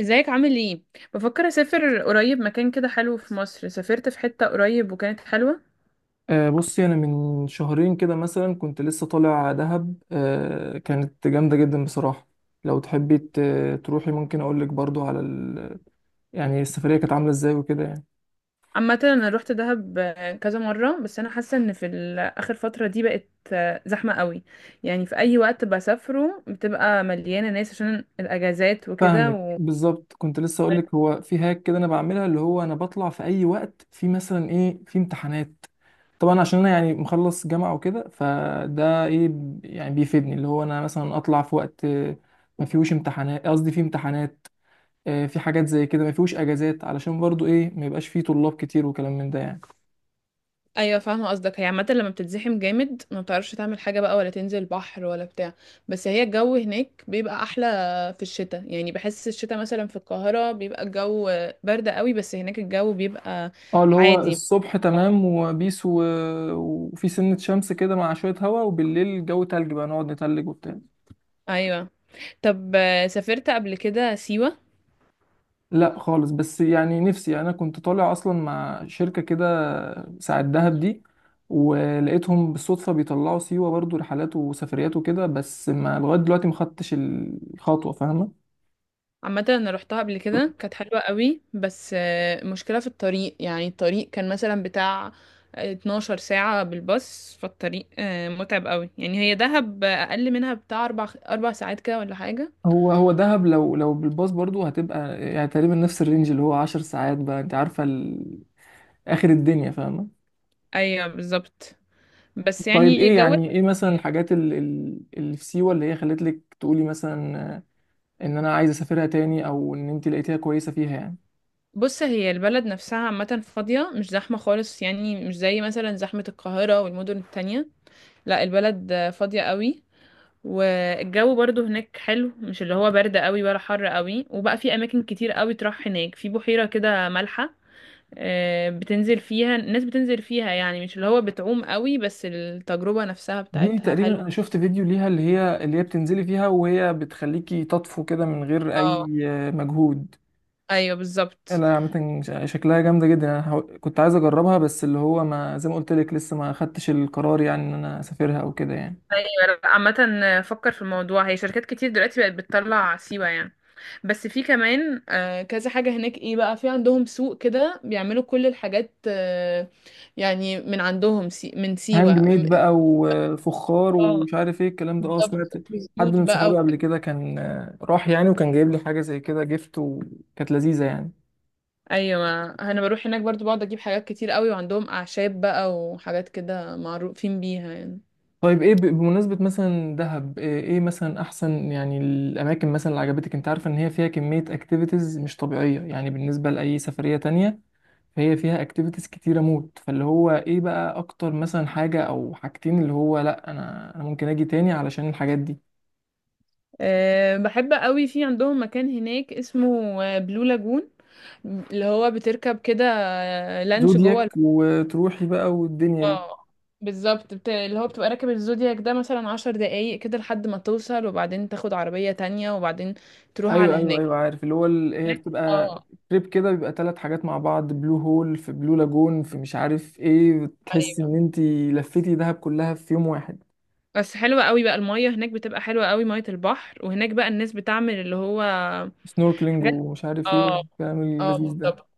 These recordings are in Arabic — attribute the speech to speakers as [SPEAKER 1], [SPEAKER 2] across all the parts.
[SPEAKER 1] ازيك؟ عامل ايه؟ بفكر اسافر قريب، مكان كده حلو في مصر. سافرت في حتة قريب وكانت حلوة.
[SPEAKER 2] آه، بصي انا من شهرين كده مثلا كنت لسه طالع دهب. كانت جامده جدا بصراحه. لو تحبي تروحي ممكن اقول لك برضو يعني السفريه كانت عامله ازاي وكده يعني.
[SPEAKER 1] عامة انا روحت دهب كذا مرة، بس انا حاسة ان في اخر فترة دي بقت زحمة قوي. يعني في اي وقت بسافره بتبقى مليانة ناس عشان الاجازات وكده.
[SPEAKER 2] فاهمك بالظبط، كنت لسه اقول لك هو في هاك كده، انا بعملها اللي هو انا بطلع في اي وقت، في مثلا ايه، في امتحانات. طبعا عشان انا يعني مخلص جامعه وكده، فده ايه، يعني بيفيدني اللي هو انا مثلا اطلع في وقت ما فيهوش امتحانات، قصدي في امتحانات. في حاجات زي كده ما فيهوش اجازات، علشان برضو ايه، ما يبقاش فيه طلاب كتير وكلام من ده يعني.
[SPEAKER 1] ايوه فاهمه قصدك. هي عامه لما بتتزحم جامد ما بتعرفش تعمل حاجه بقى، ولا تنزل البحر ولا بتاع. بس هي الجو هناك بيبقى احلى في الشتاء، يعني بحس الشتاء مثلا في القاهره بيبقى الجو برد قوي، بس هناك الجو بيبقى
[SPEAKER 2] اه، اللي هو
[SPEAKER 1] عادي.
[SPEAKER 2] الصبح تمام وبيس وفي سنة شمس كده مع شوية هوا، وبالليل جو تلج بقى، نقعد نتلج وبتاع.
[SPEAKER 1] ايوه. طب سافرت قبل كده سيوه؟
[SPEAKER 2] لا خالص، بس يعني نفسي، يعني انا كنت طالع اصلا مع شركة كده ساعة دهب دي، ولقيتهم بالصدفة بيطلعوا سيوة برضو رحلات وسفريات وكده، بس ما لغاية دلوقتي ما خدتش الخطوة فاهمة.
[SPEAKER 1] عامة انا روحتها قبل كده، كانت حلوة قوي، بس مشكلة في الطريق. يعني الطريق كان مثلا بتاع 12 ساعة بالباص، فالطريق متعب قوي. يعني هي دهب اقل منها، بتاع اربع ساعات كده ولا حاجة.
[SPEAKER 2] هو دهب لو بالباص برضو هتبقى يعني تقريبا نفس الرينج، اللي هو عشر ساعات بقى، انت عارفة آخر الدنيا فاهمة.
[SPEAKER 1] ايوه بالظبط. بس
[SPEAKER 2] طيب
[SPEAKER 1] يعني
[SPEAKER 2] ايه
[SPEAKER 1] جو.
[SPEAKER 2] يعني، ايه مثلا الحاجات اللي في سيوة اللي هي خلت لك تقولي مثلا ان انا عايزة اسافرها تاني، او ان انت لقيتيها كويسة فيها يعني.
[SPEAKER 1] بص، هي البلد نفسها عامة فاضية، مش زحمة خالص، يعني مش زي مثلا زحمة القاهرة والمدن التانية. لا البلد فاضية قوي. والجو برضو هناك حلو، مش اللي هو برد قوي ولا حر قوي. وبقى في اماكن كتير قوي تروح هناك، في بحيرة كده مالحة بتنزل فيها الناس، بتنزل فيها يعني مش اللي هو بتعوم قوي، بس التجربة نفسها
[SPEAKER 2] دي
[SPEAKER 1] بتاعتها
[SPEAKER 2] تقريبا
[SPEAKER 1] حلوة.
[SPEAKER 2] انا شفت فيديو ليها، اللي هي اللي هي بتنزلي فيها، وهي بتخليكي تطفو كده من غير اي
[SPEAKER 1] اه.
[SPEAKER 2] مجهود.
[SPEAKER 1] ايوه بالظبط.
[SPEAKER 2] لا عامة شكلها جامدة جدا، كنت عايز أجربها، بس اللي هو، ما زي ما قلت لك، لسه ما خدتش القرار يعني، إن أنا أسافرها أو كده يعني.
[SPEAKER 1] ايوه. عامة فكر في الموضوع. هي شركات كتير دلوقتي بقت بتطلع سيوة يعني. بس في كمان كذا حاجة هناك. ايه بقى؟ في عندهم سوق كده بيعملوا كل الحاجات يعني من عندهم. من سيوة.
[SPEAKER 2] هاند ميد بقى، وفخار،
[SPEAKER 1] اه
[SPEAKER 2] ومش عارف إيه الكلام ده. أه سمعت
[SPEAKER 1] بالظبط،
[SPEAKER 2] حد
[SPEAKER 1] بزيوت
[SPEAKER 2] من
[SPEAKER 1] بقى و...
[SPEAKER 2] صحابي قبل كده كان راح يعني، وكان جايب لي حاجة زي كده جيفت، وكانت لذيذة يعني.
[SPEAKER 1] ايوه انا بروح هناك برضو، بقعد اجيب حاجات كتير قوي. وعندهم اعشاب بقى وحاجات كده معروفين بيها يعني.
[SPEAKER 2] طيب إيه بمناسبة مثلا دهب، إيه إيه مثلا أحسن يعني الأماكن مثلا اللي عجبتك؟ أنت عارفة إن هي فيها كمية أكتيفيتيز مش طبيعية، يعني بالنسبة لأي سفرية تانية هي فيها اكتيفيتيز كتيرة موت، فاللي هو ايه بقى اكتر مثلا حاجة او حاجتين، اللي هو لا انا ممكن اجي تاني علشان الحاجات دي.
[SPEAKER 1] أه بحب قوي. في عندهم مكان هناك اسمه بلو لاجون، اللي هو بتركب كده لانش جوه
[SPEAKER 2] زودياك وتروحي بقى والدنيا دي.
[SPEAKER 1] آه، بالظبط. اللي هو بتبقى راكب الزودياك ده مثلا عشر دقايق كده لحد ما توصل، وبعدين تاخد عربية تانية، وبعدين تروح على
[SPEAKER 2] ايوه ايوه
[SPEAKER 1] هناك.
[SPEAKER 2] ايوه، عارف اللي هو هي بتبقى
[SPEAKER 1] اه.
[SPEAKER 2] تريب كده، بيبقى ثلاث حاجات مع بعض، بلو هول في بلو لاجون في مش عارف ايه، بتحس ان انت لفيتي دهب كلها في يوم واحد.
[SPEAKER 1] بس حلوة قوي بقى، المية هناك بتبقى حلوة قوي، مية البحر. وهناك بقى الناس بتعمل اللي هو
[SPEAKER 2] سنوركلينج
[SPEAKER 1] حاجات.
[SPEAKER 2] ومش عارف ايه
[SPEAKER 1] اه.
[SPEAKER 2] والكلام
[SPEAKER 1] اه
[SPEAKER 2] اللذيذ ده.
[SPEAKER 1] بالظبط.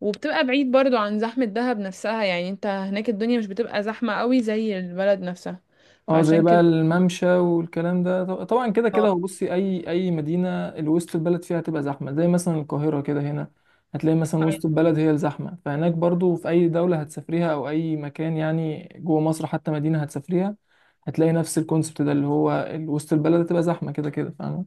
[SPEAKER 1] وبتبقى بعيد برضو عن زحمة دهب نفسها، يعني انت هناك الدنيا مش بتبقى زحمة قوي زي البلد نفسها.
[SPEAKER 2] اه زي
[SPEAKER 1] فعشان
[SPEAKER 2] بقى
[SPEAKER 1] كده.
[SPEAKER 2] الممشى والكلام ده. طبعا كده كده هو،
[SPEAKER 1] اه.
[SPEAKER 2] بصي اي اي مدينه الوسط البلد فيها هتبقى زحمه، زي مثلا القاهره كده هنا، هتلاقي مثلا وسط البلد هي الزحمه، فهناك برضو في اي دوله هتسافريها، او اي مكان يعني جوه مصر حتى، مدينه هتسافريها هتلاقي نفس الكونسبت ده، اللي هو وسط البلد هتبقى زحمه كده كده فاهمه.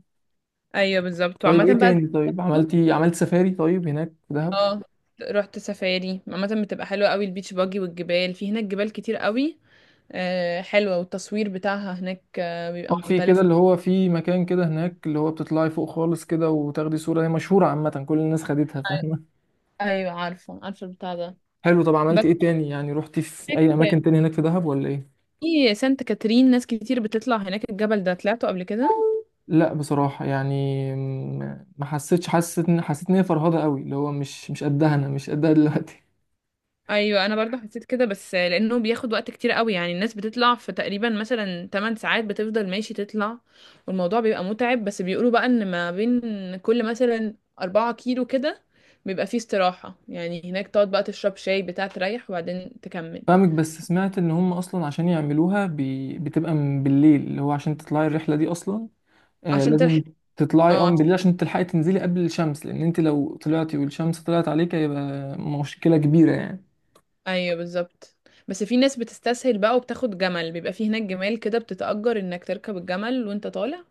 [SPEAKER 1] ايوه بالظبط.
[SPEAKER 2] طيب
[SPEAKER 1] وعامة
[SPEAKER 2] ايه
[SPEAKER 1] بقى.
[SPEAKER 2] تاني، طيب عملتي، عملت سفاري طيب هناك في دهب؟
[SPEAKER 1] اه رحت سفاري، عامة بتبقى حلوة قوي، البيتش باجي والجبال. في هناك جبال كتير قوي آه حلوة، والتصوير بتاعها هناك آه
[SPEAKER 2] اه
[SPEAKER 1] بيبقى
[SPEAKER 2] في كده
[SPEAKER 1] مختلف.
[SPEAKER 2] اللي هو، في مكان كده هناك اللي هو بتطلعي فوق خالص كده، وتاخدي صوره هي مشهوره، عامه كل الناس خدتها فاهمه.
[SPEAKER 1] ايوه عارفة، عارفة البتاع ده.
[SPEAKER 2] حلو، طب عملت ايه تاني يعني، رحتي في
[SPEAKER 1] بس
[SPEAKER 2] اي اماكن تاني هناك في دهب ولا ايه؟
[SPEAKER 1] في سانت كاترين، ناس كتير بتطلع هناك، الجبل ده طلعته قبل كده.
[SPEAKER 2] لا بصراحه يعني، م- ما حسيتش حسيت ان، حسيت ان هي فرهضه قوي، اللي هو مش قدها، انا مش قدها دلوقتي.
[SPEAKER 1] ايوه انا برضه حسيت كده، بس لانه بياخد وقت كتير قوي. يعني الناس بتطلع في تقريبا مثلا 8 ساعات بتفضل ماشي تطلع، والموضوع بيبقى متعب. بس بيقولوا بقى ان ما بين كل مثلا 4 كيلو كده بيبقى فيه استراحة، يعني هناك تقعد بقى تشرب شاي بتاع، تريح وبعدين تكمل
[SPEAKER 2] فاهمك، بس سمعت ان هم اصلا عشان يعملوها بتبقى من بالليل، اللي هو عشان تطلعي الرحله دي اصلا آه
[SPEAKER 1] عشان تلحق.
[SPEAKER 2] لازم تطلعي
[SPEAKER 1] اه.
[SPEAKER 2] اه من بالليل، عشان تلحقي تنزلي قبل الشمس، لان انت لو طلعتي والشمس طلعت عليك هيبقى مشكله كبيره يعني.
[SPEAKER 1] ايوه بالظبط. بس في ناس بتستسهل بقى وبتاخد جمل، بيبقى فيه هناك جمال كده بتتأجر انك تركب الجمل وانت طالع،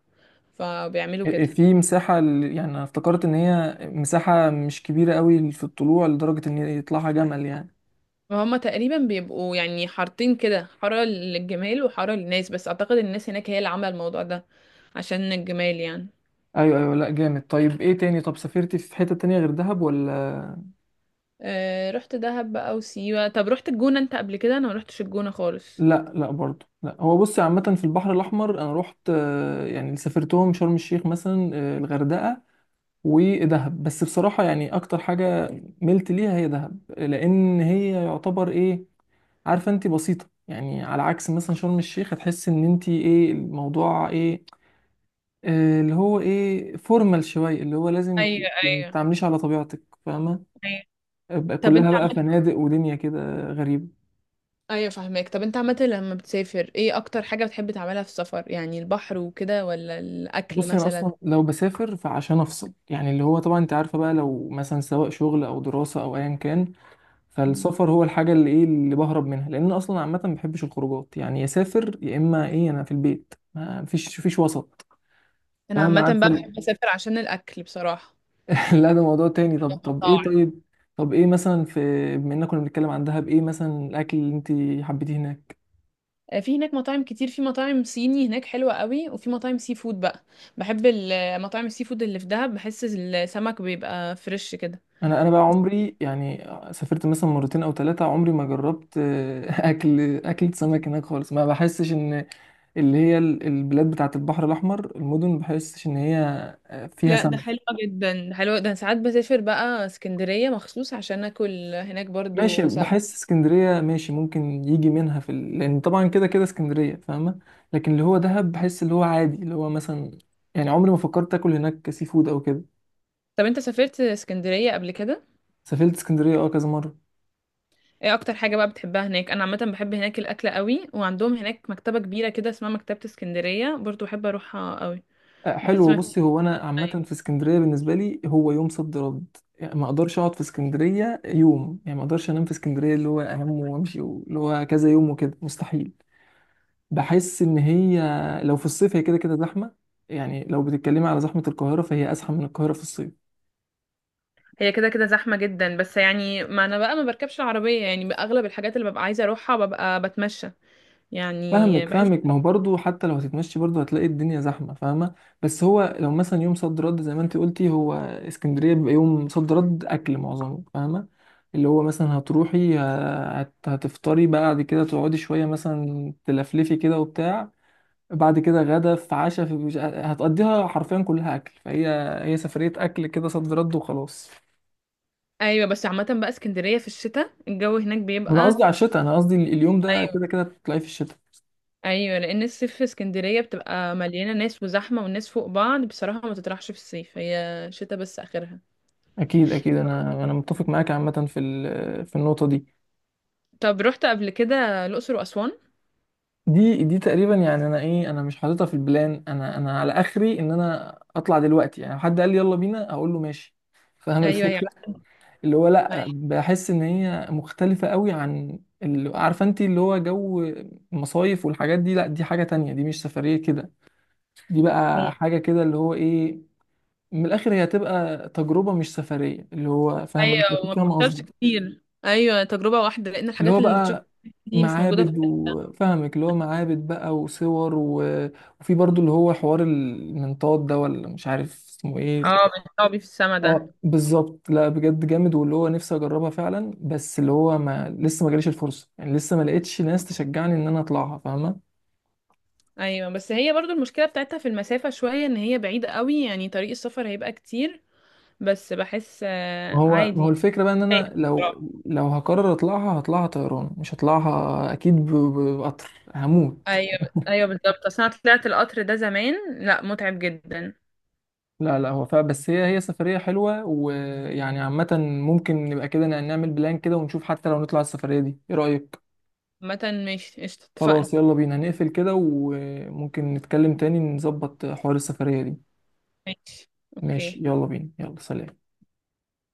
[SPEAKER 1] فبيعملوا كده.
[SPEAKER 2] في مساحة يعني أنا افتكرت إن هي مساحة مش كبيرة قوي في الطلوع لدرجة إن يطلعها جمل يعني.
[SPEAKER 1] وهما تقريبا بيبقوا يعني حارتين كده، حارة للجمال وحارة للناس، بس أعتقد الناس هناك هي اللي عاملة الموضوع ده عشان الجمال يعني.
[SPEAKER 2] أيوه أيوه، لأ جامد. طيب إيه تاني، طب سافرتي في حتة تانية غير دهب ولا؟
[SPEAKER 1] أه رحت دهب بقى وسيوة. طب رحت الجونة انت قبل كده؟ أنا ما رحتش الجونة خالص.
[SPEAKER 2] لأ لأ برضه لأ، هو بصي عامة في البحر الأحمر أنا روحت يعني اللي سافرتهم شرم الشيخ مثلا، الغردقة ودهب. بس بصراحة يعني أكتر حاجة ملت ليها هي دهب، لأن هي يعتبر إيه، عارفة أنت، بسيطة يعني، على عكس مثلا شرم الشيخ هتحس إن أنت إيه الموضوع إيه اللي هو ايه، فورمال شويه، اللي هو لازم
[SPEAKER 1] ايوه
[SPEAKER 2] ما
[SPEAKER 1] ايوه
[SPEAKER 2] تعمليش على طبيعتك فاهمه.
[SPEAKER 1] ايوه.
[SPEAKER 2] أبقى
[SPEAKER 1] طب انت
[SPEAKER 2] كلها بقى
[SPEAKER 1] عملت.
[SPEAKER 2] فنادق ودنيا كده غريبه.
[SPEAKER 1] ايوه فاهمك. طب انت عملت لما بتسافر ايه اكتر حاجة بتحب تعملها في السفر؟ يعني البحر وكده ولا الاكل
[SPEAKER 2] بصي انا
[SPEAKER 1] مثلا؟
[SPEAKER 2] اصلا لو بسافر فعشان افصل يعني، اللي هو طبعا انت عارفه بقى، لو مثلا سواء شغل او دراسه او ايا كان،
[SPEAKER 1] مم.
[SPEAKER 2] فالسفر هو الحاجه اللي ايه اللي بهرب منها، لان اصلا عامه ما بحبش الخروجات يعني، يا سافر يا اما ايه، انا في البيت، ما فيش وسط
[SPEAKER 1] انا
[SPEAKER 2] فاهمه
[SPEAKER 1] عامة بقى
[SPEAKER 2] عارفه.
[SPEAKER 1] بحب اسافر عشان الاكل بصراحة،
[SPEAKER 2] لا ده موضوع تاني. طب طب ايه،
[SPEAKER 1] المطاعم.
[SPEAKER 2] طيب طب ايه مثلا في، بما اننا كنا بنتكلم عن دهب، ايه مثلا الاكل اللي انت حبيتيه هناك؟
[SPEAKER 1] في هناك مطاعم كتير، في مطاعم صيني هناك حلوة قوي، وفي مطاعم سي فود بقى. بحب مطاعم السي فود اللي في دهب، بحس السمك بيبقى فريش كده.
[SPEAKER 2] انا بقى عمري يعني سافرت مثلا مرتين او ثلاثه، عمري ما جربت اكل سمك هناك خالص. ما بحسش ان اللي هي البلاد بتاعه البحر الاحمر، المدن، ما بحسش ان هي فيها
[SPEAKER 1] لا ده حلو
[SPEAKER 2] سمك.
[SPEAKER 1] جدا، ده حلو. ده ساعات بسافر بقى اسكندرية مخصوص عشان اكل هناك
[SPEAKER 2] ماشي،
[SPEAKER 1] برضو سمك.
[SPEAKER 2] بحس اسكندريه ماشي، ممكن يجي منها في لان طبعا كده كده اسكندريه فاهمه، لكن اللي هو دهب بحس اللي هو عادي، اللي هو مثلا يعني عمري ما فكرت اكل هناك سي فود او كده.
[SPEAKER 1] طب انت سافرت اسكندرية قبل كده؟
[SPEAKER 2] سافرت اسكندريه اه كذا مره.
[SPEAKER 1] ايه اكتر حاجة بقى بتحبها هناك؟ انا عامة بحب هناك الاكل قوي، وعندهم هناك مكتبة كبيرة كده اسمها مكتبة اسكندرية، برضو بحب اروحها قوي. بحس
[SPEAKER 2] حلو،
[SPEAKER 1] ما فيش.
[SPEAKER 2] بصي هو انا عامه في اسكندريه بالنسبه لي هو يوم صد رد يعني، ما اقدرش اقعد في اسكندريه يوم يعني، ما اقدرش انام في اسكندريه، اللي هو انام وامشي اللي هو كذا يوم وكده مستحيل. بحس ان هي، لو في الصيف هي كده كده زحمه، يعني لو بتتكلمي على زحمه القاهره، فهي ازحم من القاهره في الصيف.
[SPEAKER 1] هي كده كده زحمة جدا، بس يعني ما انا بقى ما بركبش العربية، يعني اغلب الحاجات اللي ببقى عايزة اروحها ببقى بتمشى. يعني
[SPEAKER 2] فاهمك
[SPEAKER 1] بحس.
[SPEAKER 2] فاهمك، ما هو برضه حتى لو هتتمشي برضه هتلاقي الدنيا زحمه فاهمه. بس هو لو مثلا يوم صد رد زي ما انت قلتي، هو اسكندريه بيبقى يوم صد رد اكل معظمه فاهمه، اللي هو مثلا هتروحي هتفطري بقى، بعد كده تقعدي شويه مثلا، تلفلفي كده وبتاع، بعد كده غدا، في عشاء، في هتقضيها حرفيا كلها اكل، فهي هي سفريه اكل كده صد رد وخلاص.
[SPEAKER 1] ايوه. بس عامة بقى اسكندرية في الشتاء الجو هناك
[SPEAKER 2] انا
[SPEAKER 1] بيبقى.
[SPEAKER 2] قصدي على الشتاء، انا قصدي اليوم ده
[SPEAKER 1] ايوه.
[SPEAKER 2] كده كده تطلعي في الشتاء.
[SPEAKER 1] ايوه لان الصيف في اسكندرية بتبقى مليانة ناس وزحمة، والناس فوق بعض بصراحة، ما تطرحش في الصيف، هي شتاء بس اخرها.
[SPEAKER 2] اكيد اكيد انا متفق معاك عامه في في النقطه دي.
[SPEAKER 1] طب رحت قبل كده الاقصر واسوان؟
[SPEAKER 2] دي تقريبا يعني انا ايه، انا مش حاططها في البلان، انا على اخري ان انا اطلع دلوقتي يعني، لو حد قال لي يلا بينا اقول له ماشي فاهم
[SPEAKER 1] ايوه يعني.
[SPEAKER 2] الفكره، اللي هو لا بحس ان هي مختلفه قوي عن اللي عارفه انت، اللي هو جو المصايف والحاجات دي، لا دي حاجه تانية، دي مش سفريه كده، دي بقى
[SPEAKER 1] ايوه.
[SPEAKER 2] حاجه كده اللي هو ايه، من الاخر هي هتبقى تجربه مش سفريه، اللي هو فاهم انت
[SPEAKER 1] ايوه.
[SPEAKER 2] اكيد
[SPEAKER 1] وما
[SPEAKER 2] فاهم.
[SPEAKER 1] بتشوفش كتير، ايوه تجربة واحدة، لان
[SPEAKER 2] اللي
[SPEAKER 1] الحاجات
[SPEAKER 2] هو
[SPEAKER 1] اللي تشوفها
[SPEAKER 2] بقى
[SPEAKER 1] دي مش موجودة في.
[SPEAKER 2] معابد، وفاهمك اللي هو معابد بقى وصور وفي برضو اللي هو حوار المنطاد ده، ولا مش عارف اسمه ايه.
[SPEAKER 1] اه، مش صعب في السما ده.
[SPEAKER 2] اه بالظبط، لا بجد جامد، واللي هو نفسي اجربها فعلا، بس اللي هو ما، لسه ما جاليش الفرصه يعني، لسه ما لقيتش ناس تشجعني ان انا اطلعها فاهمه.
[SPEAKER 1] ايوه بس هي برضو المشكله بتاعتها في المسافه شويه، ان هي بعيده قوي، يعني طريق السفر هيبقى كتير. بس بحس
[SPEAKER 2] ما هو ما هو
[SPEAKER 1] عادي.
[SPEAKER 2] الفكره بقى ان انا لو، لو هقرر اطلعها هطلعها طيران، مش هطلعها اكيد، بقطر هموت.
[SPEAKER 1] ايوه. ايوه بالظبط، اصل انا طلعت القطر ده زمان، لا متعب جدا.
[SPEAKER 2] لا هو فا، بس هي هي سفرية حلوة ويعني عامة، ممكن نبقى كده نعمل بلان كده ونشوف، حتى لو نطلع السفرية دي، ايه رأيك؟
[SPEAKER 1] عامه ماشي قشطة، اتفقنا.
[SPEAKER 2] خلاص يلا بينا نقفل كده، وممكن نتكلم تاني نظبط حوار السفرية دي.
[SPEAKER 1] ماشي.
[SPEAKER 2] ماشي،
[SPEAKER 1] اوكي.
[SPEAKER 2] يلا بينا، يلا سلام.